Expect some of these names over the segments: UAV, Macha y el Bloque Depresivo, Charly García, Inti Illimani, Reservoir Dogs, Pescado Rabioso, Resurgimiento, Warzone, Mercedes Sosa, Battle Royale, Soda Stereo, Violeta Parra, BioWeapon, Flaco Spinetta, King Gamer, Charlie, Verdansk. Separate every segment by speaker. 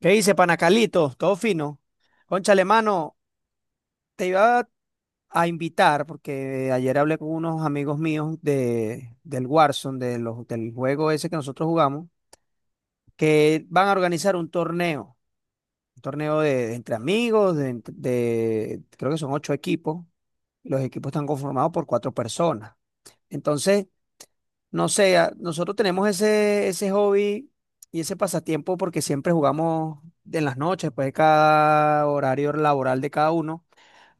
Speaker 1: ¿Qué dice, Panacalito? Todo fino. Cónchale mano, te iba a invitar porque ayer hablé con unos amigos míos del Warzone, del juego ese que nosotros jugamos, que van a organizar un torneo de entre amigos, creo que son ocho equipos. Los equipos están conformados por cuatro personas. Entonces, no sé, nosotros tenemos ese hobby y ese pasatiempo porque siempre jugamos en las noches, pues cada horario laboral de cada uno.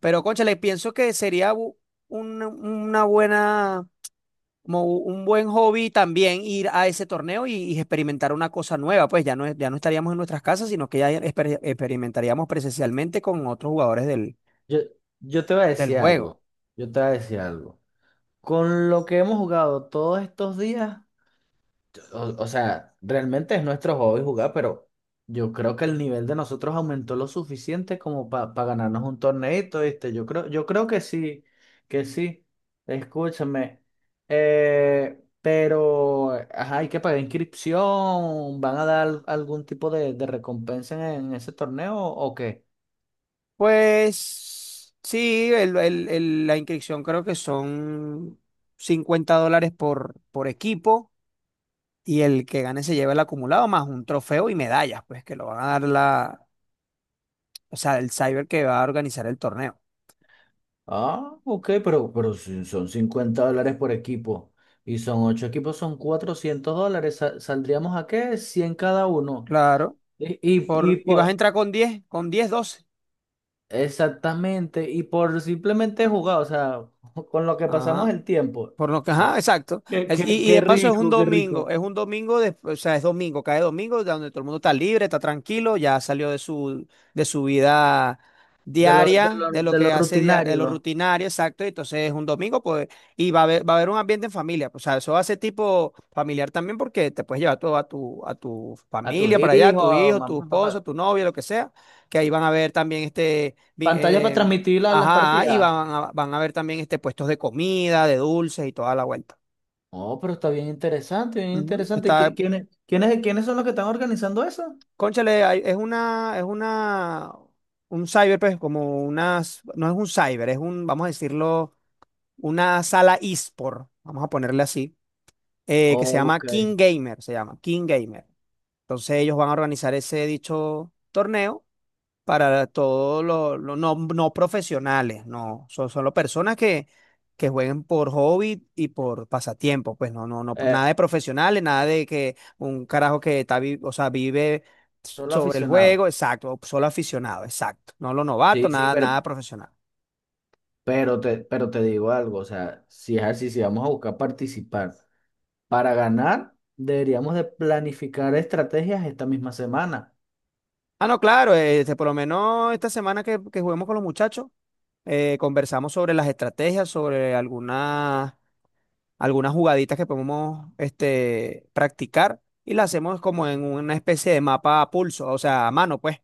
Speaker 1: Pero, cónchale, pienso que sería una buena, como un buen hobby también ir a ese torneo y experimentar una cosa nueva. Pues ya no, ya no estaríamos en nuestras casas, sino que ya experimentaríamos presencialmente con otros jugadores del,
Speaker 2: Yo, yo te voy a
Speaker 1: del
Speaker 2: decir
Speaker 1: juego.
Speaker 2: algo, yo te voy a decir algo. Con lo que hemos jugado todos estos días, o sea, realmente es nuestro hobby jugar, pero yo creo que el nivel de nosotros aumentó lo suficiente como para ganarnos un torneito, ¿viste? Yo creo que sí, que sí. Escúchame. Pero, ajá, hay que pagar inscripción, ¿van a dar algún tipo de recompensa en ese torneo o qué?
Speaker 1: Pues sí, la inscripción creo que son $50 por equipo y el que gane se lleva el acumulado más un trofeo y medallas, pues que lo van a dar o sea, el cyber que va a organizar el torneo.
Speaker 2: Ah, ok, pero si son $50 por equipo y son 8 equipos, son $400. Sa- ¿Saldríamos a qué? Cien cada uno.
Speaker 1: Claro,
Speaker 2: Y, y, y
Speaker 1: y vas a
Speaker 2: por,
Speaker 1: entrar con diez 12.
Speaker 2: exactamente, y por simplemente jugar, o sea, con lo que pasamos
Speaker 1: Ajá.
Speaker 2: el tiempo,
Speaker 1: Por lo que, ajá,
Speaker 2: eh,
Speaker 1: exacto.
Speaker 2: qué, qué,
Speaker 1: Y
Speaker 2: qué
Speaker 1: de paso
Speaker 2: rico, qué rico.
Speaker 1: es un domingo, o sea, es domingo, cae domingo, ya donde todo el mundo está libre, está tranquilo, ya salió de su vida diaria, de lo
Speaker 2: De lo
Speaker 1: que hace, de lo
Speaker 2: rutinario,
Speaker 1: rutinario, exacto. Y entonces es un domingo, pues, y va a haber un ambiente en familia, pues, o sea, eso hace tipo familiar también porque te puedes llevar todo a tu
Speaker 2: a tus
Speaker 1: familia para allá,
Speaker 2: hijos,
Speaker 1: tu
Speaker 2: a
Speaker 1: hijo, tu
Speaker 2: mamá,
Speaker 1: esposo,
Speaker 2: papá.
Speaker 1: tu novia, lo que sea, que ahí van a ver también este.
Speaker 2: Pantallas para transmitir la- las
Speaker 1: Ajá, y
Speaker 2: partidas.
Speaker 1: van a ver también este puestos de comida, de dulces y toda la vuelta.
Speaker 2: Oh, pero está bien interesante, bien
Speaker 1: Ujú.
Speaker 2: interesante. ¿Y
Speaker 1: Está,
Speaker 2: qué- quiénes, quiénes, quiénes son los que están organizando eso?
Speaker 1: cónchale, es una, un cyber, pues como unas, no es un cyber, es un, vamos a decirlo, una sala eSport, vamos a ponerle así, que se llama
Speaker 2: Ok.
Speaker 1: King Gamer, se llama King Gamer. Entonces ellos van a organizar ese dicho torneo para todos los no, no profesionales, no, son solo personas que, jueguen por hobby y por pasatiempo, pues no, no, no,
Speaker 2: Eh,
Speaker 1: nada de profesionales, nada de que un carajo que está, o sea, vive
Speaker 2: solo
Speaker 1: sobre el juego,
Speaker 2: aficionado.
Speaker 1: exacto, solo aficionado, exacto, no los
Speaker 2: Sí,
Speaker 1: novatos,
Speaker 2: sí,
Speaker 1: nada, nada profesional.
Speaker 2: pero te digo algo, o sea, si es así, si vamos a buscar participar para ganar, deberíamos de planificar estrategias esta misma semana.
Speaker 1: Ah, no, claro, este, por lo menos esta semana que juguemos con los muchachos, conversamos sobre las estrategias, sobre algunas jugaditas que podemos este, practicar y la hacemos como en una especie de mapa a pulso, o sea, a mano, pues.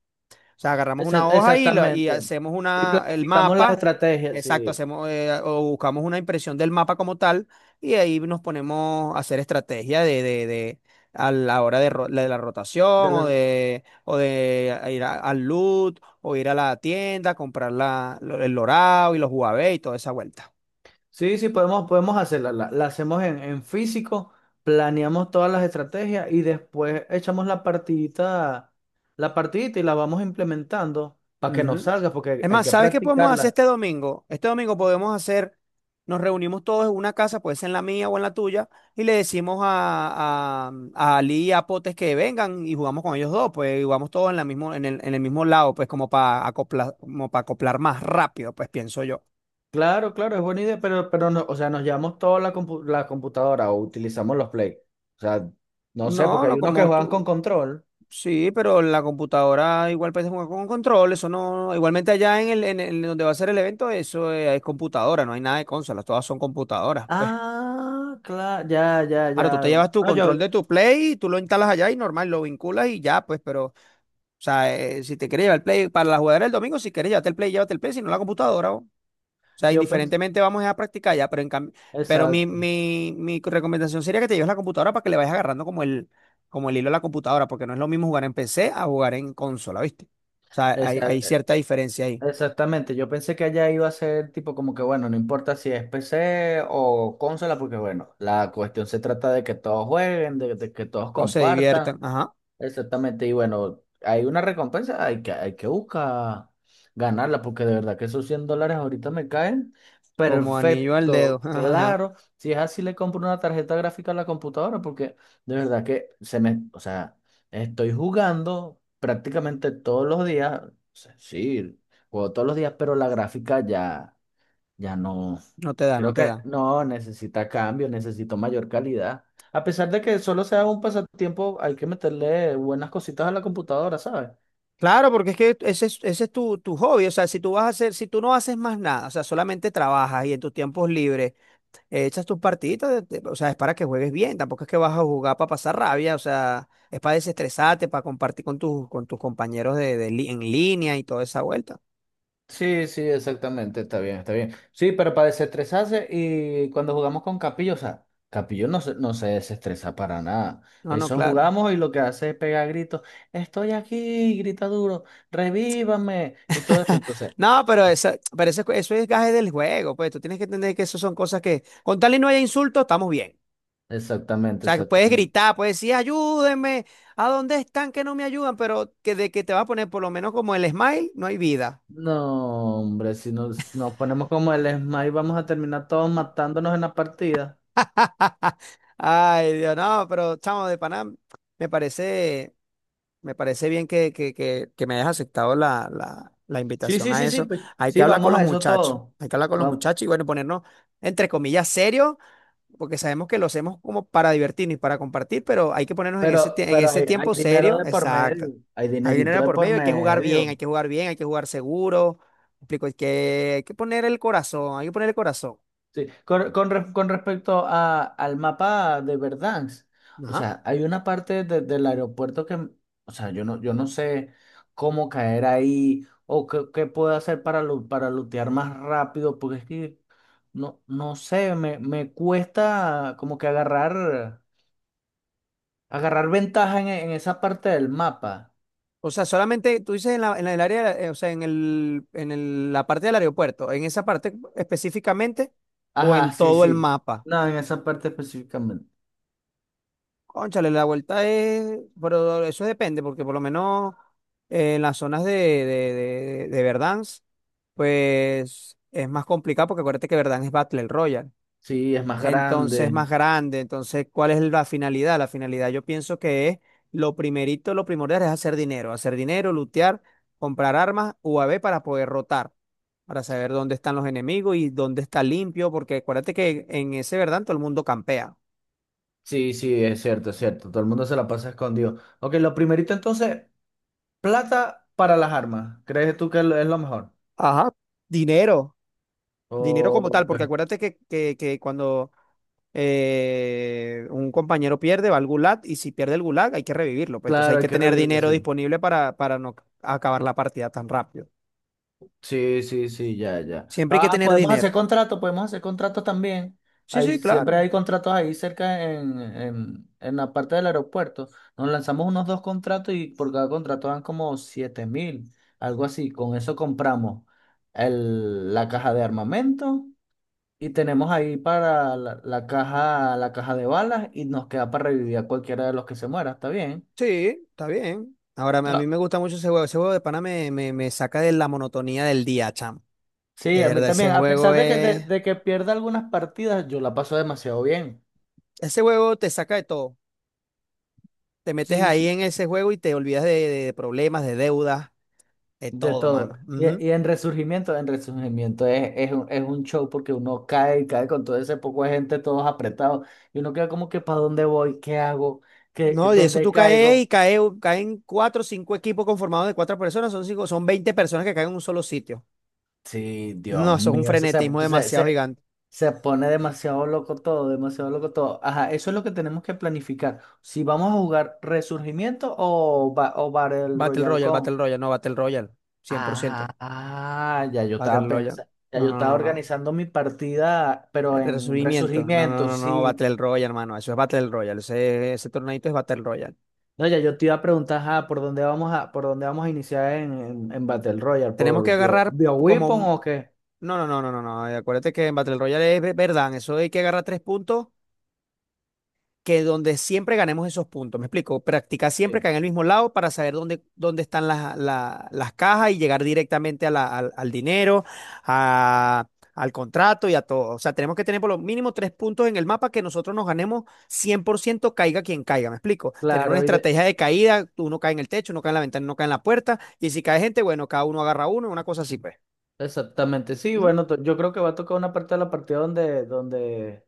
Speaker 1: O sea, agarramos
Speaker 2: Exa-
Speaker 1: una hoja y
Speaker 2: exactamente.
Speaker 1: hacemos
Speaker 2: Y
Speaker 1: una, el
Speaker 2: planificamos las
Speaker 1: mapa,
Speaker 2: estrategias,
Speaker 1: exacto,
Speaker 2: sí.
Speaker 1: hacemos o buscamos una impresión del mapa como tal y ahí nos ponemos a hacer estrategia a la hora de la
Speaker 2: De
Speaker 1: rotación o
Speaker 2: la-
Speaker 1: de, o de ir al loot o ir a la tienda, comprar el lorado y los Huawei y toda esa vuelta.
Speaker 2: sí, sí, podemos, podemos hacerla. La hacemos en físico, planeamos todas las estrategias y después echamos la partidita y la vamos implementando para que nos
Speaker 1: Ujú.
Speaker 2: salga, porque hay,
Speaker 1: Es
Speaker 2: hay
Speaker 1: más,
Speaker 2: que
Speaker 1: ¿sabes qué podemos hacer
Speaker 2: practicarla.
Speaker 1: este domingo? Este domingo podemos hacer, nos reunimos todos en una casa, puede ser en la mía o en la tuya, y le decimos a Ali y a Potes que vengan y jugamos con ellos dos, pues y jugamos todos en la mismo, en el mismo lado, pues como para acoplar más rápido, pues pienso yo.
Speaker 2: Claro, claro, es buena idea, pero no, o sea, nos llevamos toda compu- la computadora o utilizamos los Play. O sea, no sé,
Speaker 1: No,
Speaker 2: porque
Speaker 1: no
Speaker 2: hay unos que
Speaker 1: como
Speaker 2: juegan con
Speaker 1: tú.
Speaker 2: control.
Speaker 1: Sí, pero la computadora igual puedes jugar con control, eso no, igualmente allá en el, donde va a ser el evento, eso es computadora, no hay nada de consolas, todas son computadoras, pues.
Speaker 2: Ah, claro, ya, ya,
Speaker 1: Claro, tú te
Speaker 2: ya.
Speaker 1: llevas tu
Speaker 2: No,
Speaker 1: control
Speaker 2: yo,
Speaker 1: de tu Play, tú lo instalas allá y normal, lo vinculas y ya, pues, pero, o sea, si te quieres llevar el Play para la jugadera el domingo, si quieres llevarte el Play, llévate el Play, si no la computadora, o. O sea,
Speaker 2: yo pensé,
Speaker 1: indiferentemente vamos a practicar ya, pero en cambio, pero mi,
Speaker 2: exacto,
Speaker 1: mi, mi recomendación sería que te lleves la computadora para que le vayas agarrando como el hilo a la computadora, porque no es lo mismo jugar en PC a jugar en consola, ¿viste? O sea, hay
Speaker 2: exacto,
Speaker 1: cierta diferencia ahí.
Speaker 2: exactamente. Yo pensé que allá iba a ser tipo como que, bueno, no importa si es PC o consola, porque bueno, la cuestión se trata de que todos jueguen, de que todos
Speaker 1: Todos se
Speaker 2: compartan.
Speaker 1: diviertan, ajá,
Speaker 2: Exactamente, y bueno, hay una recompensa, hay que buscar ganarla, porque de verdad que esos $100 ahorita me caen.
Speaker 1: como anillo al dedo.
Speaker 2: Perfecto, claro. Si es así, le compro una tarjeta gráfica a la computadora, porque de verdad que se me, o sea, estoy jugando prácticamente todos los días. O sea, sí, juego todos los días, pero la gráfica ya. Ya no,
Speaker 1: No te da, no
Speaker 2: creo
Speaker 1: te
Speaker 2: que
Speaker 1: da.
Speaker 2: no, necesita cambio, necesito mayor calidad. A pesar de que solo sea un pasatiempo, hay que meterle buenas cositas a la computadora, ¿sabes?
Speaker 1: Claro, porque es que ese es tu, tu hobby. O sea, si tú vas a hacer, si tú no haces más nada, o sea, solamente trabajas y en tus tiempos libres echas tus partiditas, o sea, es para que juegues bien. Tampoco es que vas a jugar para pasar rabia, o sea, es para desestresarte, para compartir con tus compañeros de, en línea y toda esa vuelta.
Speaker 2: Sí, sí, exactamente, está bien, está bien. Sí, pero para desestresarse y cuando jugamos con Capillo, o sea, Capillo no se, no se desestresa para nada.
Speaker 1: No, no,
Speaker 2: Eso
Speaker 1: claro.
Speaker 2: jugamos y lo que hace es pegar gritos, estoy aquí, grita duro, revívame y todo esto. Entonces,
Speaker 1: No, pero, pero eso es gaje del juego, pues tú tienes que entender que eso son cosas que, con tal y no haya insultos, estamos bien. O
Speaker 2: exactamente,
Speaker 1: sea, que puedes
Speaker 2: exactamente.
Speaker 1: gritar, puedes decir, ayúdenme, ¿a dónde están que no me ayudan? Pero que de que te va a poner por lo menos como el smile, no hay vida.
Speaker 2: No, hombre, si nos, nos ponemos como el Esma y vamos a terminar todos matándonos en la partida.
Speaker 1: Ay, Dios, no, pero chamo de Panam, me parece, me parece bien que me hayas aceptado la
Speaker 2: Sí,
Speaker 1: invitación
Speaker 2: sí,
Speaker 1: a
Speaker 2: sí, sí,
Speaker 1: eso.
Speaker 2: pues.
Speaker 1: Hay que
Speaker 2: Sí,
Speaker 1: hablar con
Speaker 2: vamos
Speaker 1: los
Speaker 2: a eso
Speaker 1: muchachos,
Speaker 2: todo.
Speaker 1: hay que hablar con los
Speaker 2: Vam-
Speaker 1: muchachos y bueno, ponernos, entre comillas, serios porque sabemos que lo hacemos como para divertirnos y para compartir, pero hay que ponernos en ese, tie- en
Speaker 2: pero
Speaker 1: ese
Speaker 2: hay
Speaker 1: tiempo
Speaker 2: dinero
Speaker 1: serio,
Speaker 2: de por
Speaker 1: exacto.
Speaker 2: medio. Hay
Speaker 1: Hay
Speaker 2: dinerito
Speaker 1: dinero
Speaker 2: de
Speaker 1: por
Speaker 2: por
Speaker 1: medio, hay que jugar bien,
Speaker 2: medio.
Speaker 1: hay que jugar bien, hay que jugar seguro. ¿Me explico? Hay que, hay que poner el corazón, hay que poner el corazón.
Speaker 2: Sí, con re- con respecto al mapa de Verdansk, o
Speaker 1: Ajá.
Speaker 2: sea, hay una parte de- del aeropuerto que, o sea, yo no, yo no sé cómo caer ahí o qué, qué puedo hacer para, lu- para lootear más rápido, porque es que no, no sé, me cuesta como que agarrar, agarrar ventaja en esa parte del mapa.
Speaker 1: O sea, solamente tú dices en el área, o sea, en el, la parte del aeropuerto, en esa parte específicamente o en
Speaker 2: Ajá, sí,
Speaker 1: todo el
Speaker 2: sí.
Speaker 1: mapa.
Speaker 2: No, en esa parte específicamente.
Speaker 1: Cónchale, la vuelta es, pero eso depende, porque por lo menos en las zonas de Verdansk, pues es más complicado, porque acuérdate que Verdansk es Battle Royale,
Speaker 2: Sí, es más
Speaker 1: entonces es
Speaker 2: grande.
Speaker 1: más grande, entonces, ¿cuál es la finalidad? La finalidad yo pienso que es, lo primerito, lo primordial es hacer dinero, lootear, comprar armas, UAV para poder rotar, para saber dónde están los enemigos y dónde está limpio, porque acuérdate que en ese Verdansk todo el mundo campea.
Speaker 2: Sí, sí, es cierto, es cierto. Todo el mundo se la pasa escondido. Ok, lo primerito entonces, plata para las armas. ¿Crees tú que es lo mejor?
Speaker 1: Ajá, dinero. Dinero como tal,
Speaker 2: Ok.
Speaker 1: porque acuérdate que, que cuando un compañero pierde, va al gulag, y si pierde el gulag, hay que revivirlo. Pues entonces hay
Speaker 2: Claro, hay
Speaker 1: que
Speaker 2: que
Speaker 1: tener
Speaker 2: revivirlo,
Speaker 1: dinero
Speaker 2: sí.
Speaker 1: disponible para no acabar la partida tan rápido.
Speaker 2: Sí, sí, sí, ya, ya.
Speaker 1: Siempre hay que
Speaker 2: Ah,
Speaker 1: tener
Speaker 2: podemos hacer
Speaker 1: dinero.
Speaker 2: contrato, podemos hacer contratos también.
Speaker 1: Sí,
Speaker 2: Ahí,
Speaker 1: sí,
Speaker 2: siempre
Speaker 1: claro.
Speaker 2: hay contratos ahí cerca en, la parte del aeropuerto. Nos lanzamos unos dos contratos y por cada contrato dan como 7.000, algo así. Con eso compramos la caja de armamento. Y tenemos ahí para la caja, la caja de balas y nos queda para revivir a cualquiera de los que se muera, ¿está bien?
Speaker 1: Sí, está bien. Ahora, a mí
Speaker 2: Ah,
Speaker 1: me gusta mucho ese juego. Ese juego de pana me, me saca de la monotonía del día, chamo. De
Speaker 2: sí, a mí
Speaker 1: verdad, ese
Speaker 2: también. A
Speaker 1: juego
Speaker 2: pesar de que,
Speaker 1: es.
Speaker 2: de que pierda algunas partidas, yo la paso demasiado bien.
Speaker 1: Ese juego te saca de todo. Te metes
Speaker 2: Sí,
Speaker 1: ahí
Speaker 2: sí.
Speaker 1: en ese juego y te olvidas de problemas, de deudas, de
Speaker 2: De
Speaker 1: todo,
Speaker 2: todo.
Speaker 1: mano. Ujú.
Speaker 2: Y en Resurgimiento es un show porque uno cae y cae con todo ese poco de gente, todos apretados, y uno queda como que, ¿para dónde voy? ¿Qué hago? ¿Qué,
Speaker 1: No, de eso
Speaker 2: dónde
Speaker 1: tú caes y
Speaker 2: caigo?
Speaker 1: cae, caen cuatro o cinco equipos conformados de cuatro personas, son cinco, son 20 personas que caen en un solo sitio.
Speaker 2: Sí,
Speaker 1: No,
Speaker 2: Dios
Speaker 1: eso es un
Speaker 2: mío, eso se,
Speaker 1: frenetismo
Speaker 2: se, se,
Speaker 1: demasiado gigante.
Speaker 2: se pone demasiado loco todo, demasiado loco todo. Ajá, eso es lo que tenemos que planificar. Si vamos a jugar Resurgimiento o, ba- o Battle
Speaker 1: Battle
Speaker 2: Royale
Speaker 1: Royale,
Speaker 2: con.
Speaker 1: Battle Royale, no, Battle Royale, cien por
Speaker 2: Ah,
Speaker 1: ciento
Speaker 2: ah, ya yo
Speaker 1: Battle
Speaker 2: estaba
Speaker 1: Royale,
Speaker 2: pensando, ya
Speaker 1: no,
Speaker 2: yo
Speaker 1: no,
Speaker 2: estaba
Speaker 1: no, no.
Speaker 2: organizando mi partida, pero en
Speaker 1: Resubimiento, no, no,
Speaker 2: Resurgimiento,
Speaker 1: no, no,
Speaker 2: sí.
Speaker 1: Battle Royale, hermano, eso es Battle Royale, ese torneito es Battle Royale.
Speaker 2: No, ya yo te iba a preguntar, ajá, ¿por dónde vamos a, por dónde vamos a iniciar en, Battle Royale?
Speaker 1: Tenemos que
Speaker 2: ¿Por Bio,
Speaker 1: agarrar como,
Speaker 2: BioWeapon
Speaker 1: un,
Speaker 2: o qué?
Speaker 1: no, no, no, no, no, no, acuérdate que en Battle Royale es verdad, eso hay que agarrar tres puntos que donde siempre ganemos esos puntos. Me explico, practicar siempre
Speaker 2: Sí.
Speaker 1: caer en el mismo lado para saber dónde, dónde están las cajas y llegar directamente a al dinero, a- al contrato y a todo. O sea, tenemos que tener por lo mínimo tres puntos en el mapa que nosotros nos ganemos 100% caiga quien caiga. Me explico, tener una
Speaker 2: Claro,
Speaker 1: estrategia de caída, uno cae en el techo, uno cae en la ventana, uno cae en la puerta y si cae gente, bueno, cada uno agarra uno, una cosa así, pues.
Speaker 2: exactamente, sí,
Speaker 1: Ujú.
Speaker 2: bueno, to- yo creo que va a tocar una parte de la partida donde, donde,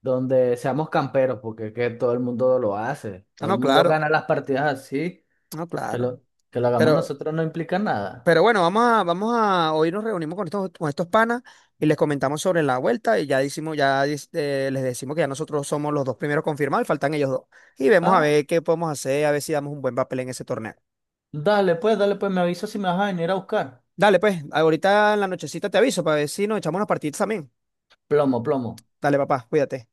Speaker 2: donde seamos camperos, porque es que todo el mundo lo hace,
Speaker 1: Ah,
Speaker 2: todo el
Speaker 1: no,
Speaker 2: mundo
Speaker 1: claro,
Speaker 2: gana las partidas así,
Speaker 1: no,
Speaker 2: que
Speaker 1: claro.
Speaker 2: lo, que lo hagamos
Speaker 1: Pero...
Speaker 2: nosotros no implica nada.
Speaker 1: Pero bueno, vamos a, vamos a, hoy nos reunimos con estos panas y les comentamos sobre la vuelta y ya decimos, les decimos que ya nosotros somos los dos primeros confirmados, faltan ellos dos. Y vemos a
Speaker 2: Ah,
Speaker 1: ver qué podemos hacer, a ver si damos un buen papel en ese torneo.
Speaker 2: dale pues, me avisas si me vas a venir a buscar.
Speaker 1: Dale, pues, ahorita en la nochecita te aviso para ver si nos echamos unas partidas también.
Speaker 2: Plomo, plomo.
Speaker 1: Dale, papá, cuídate.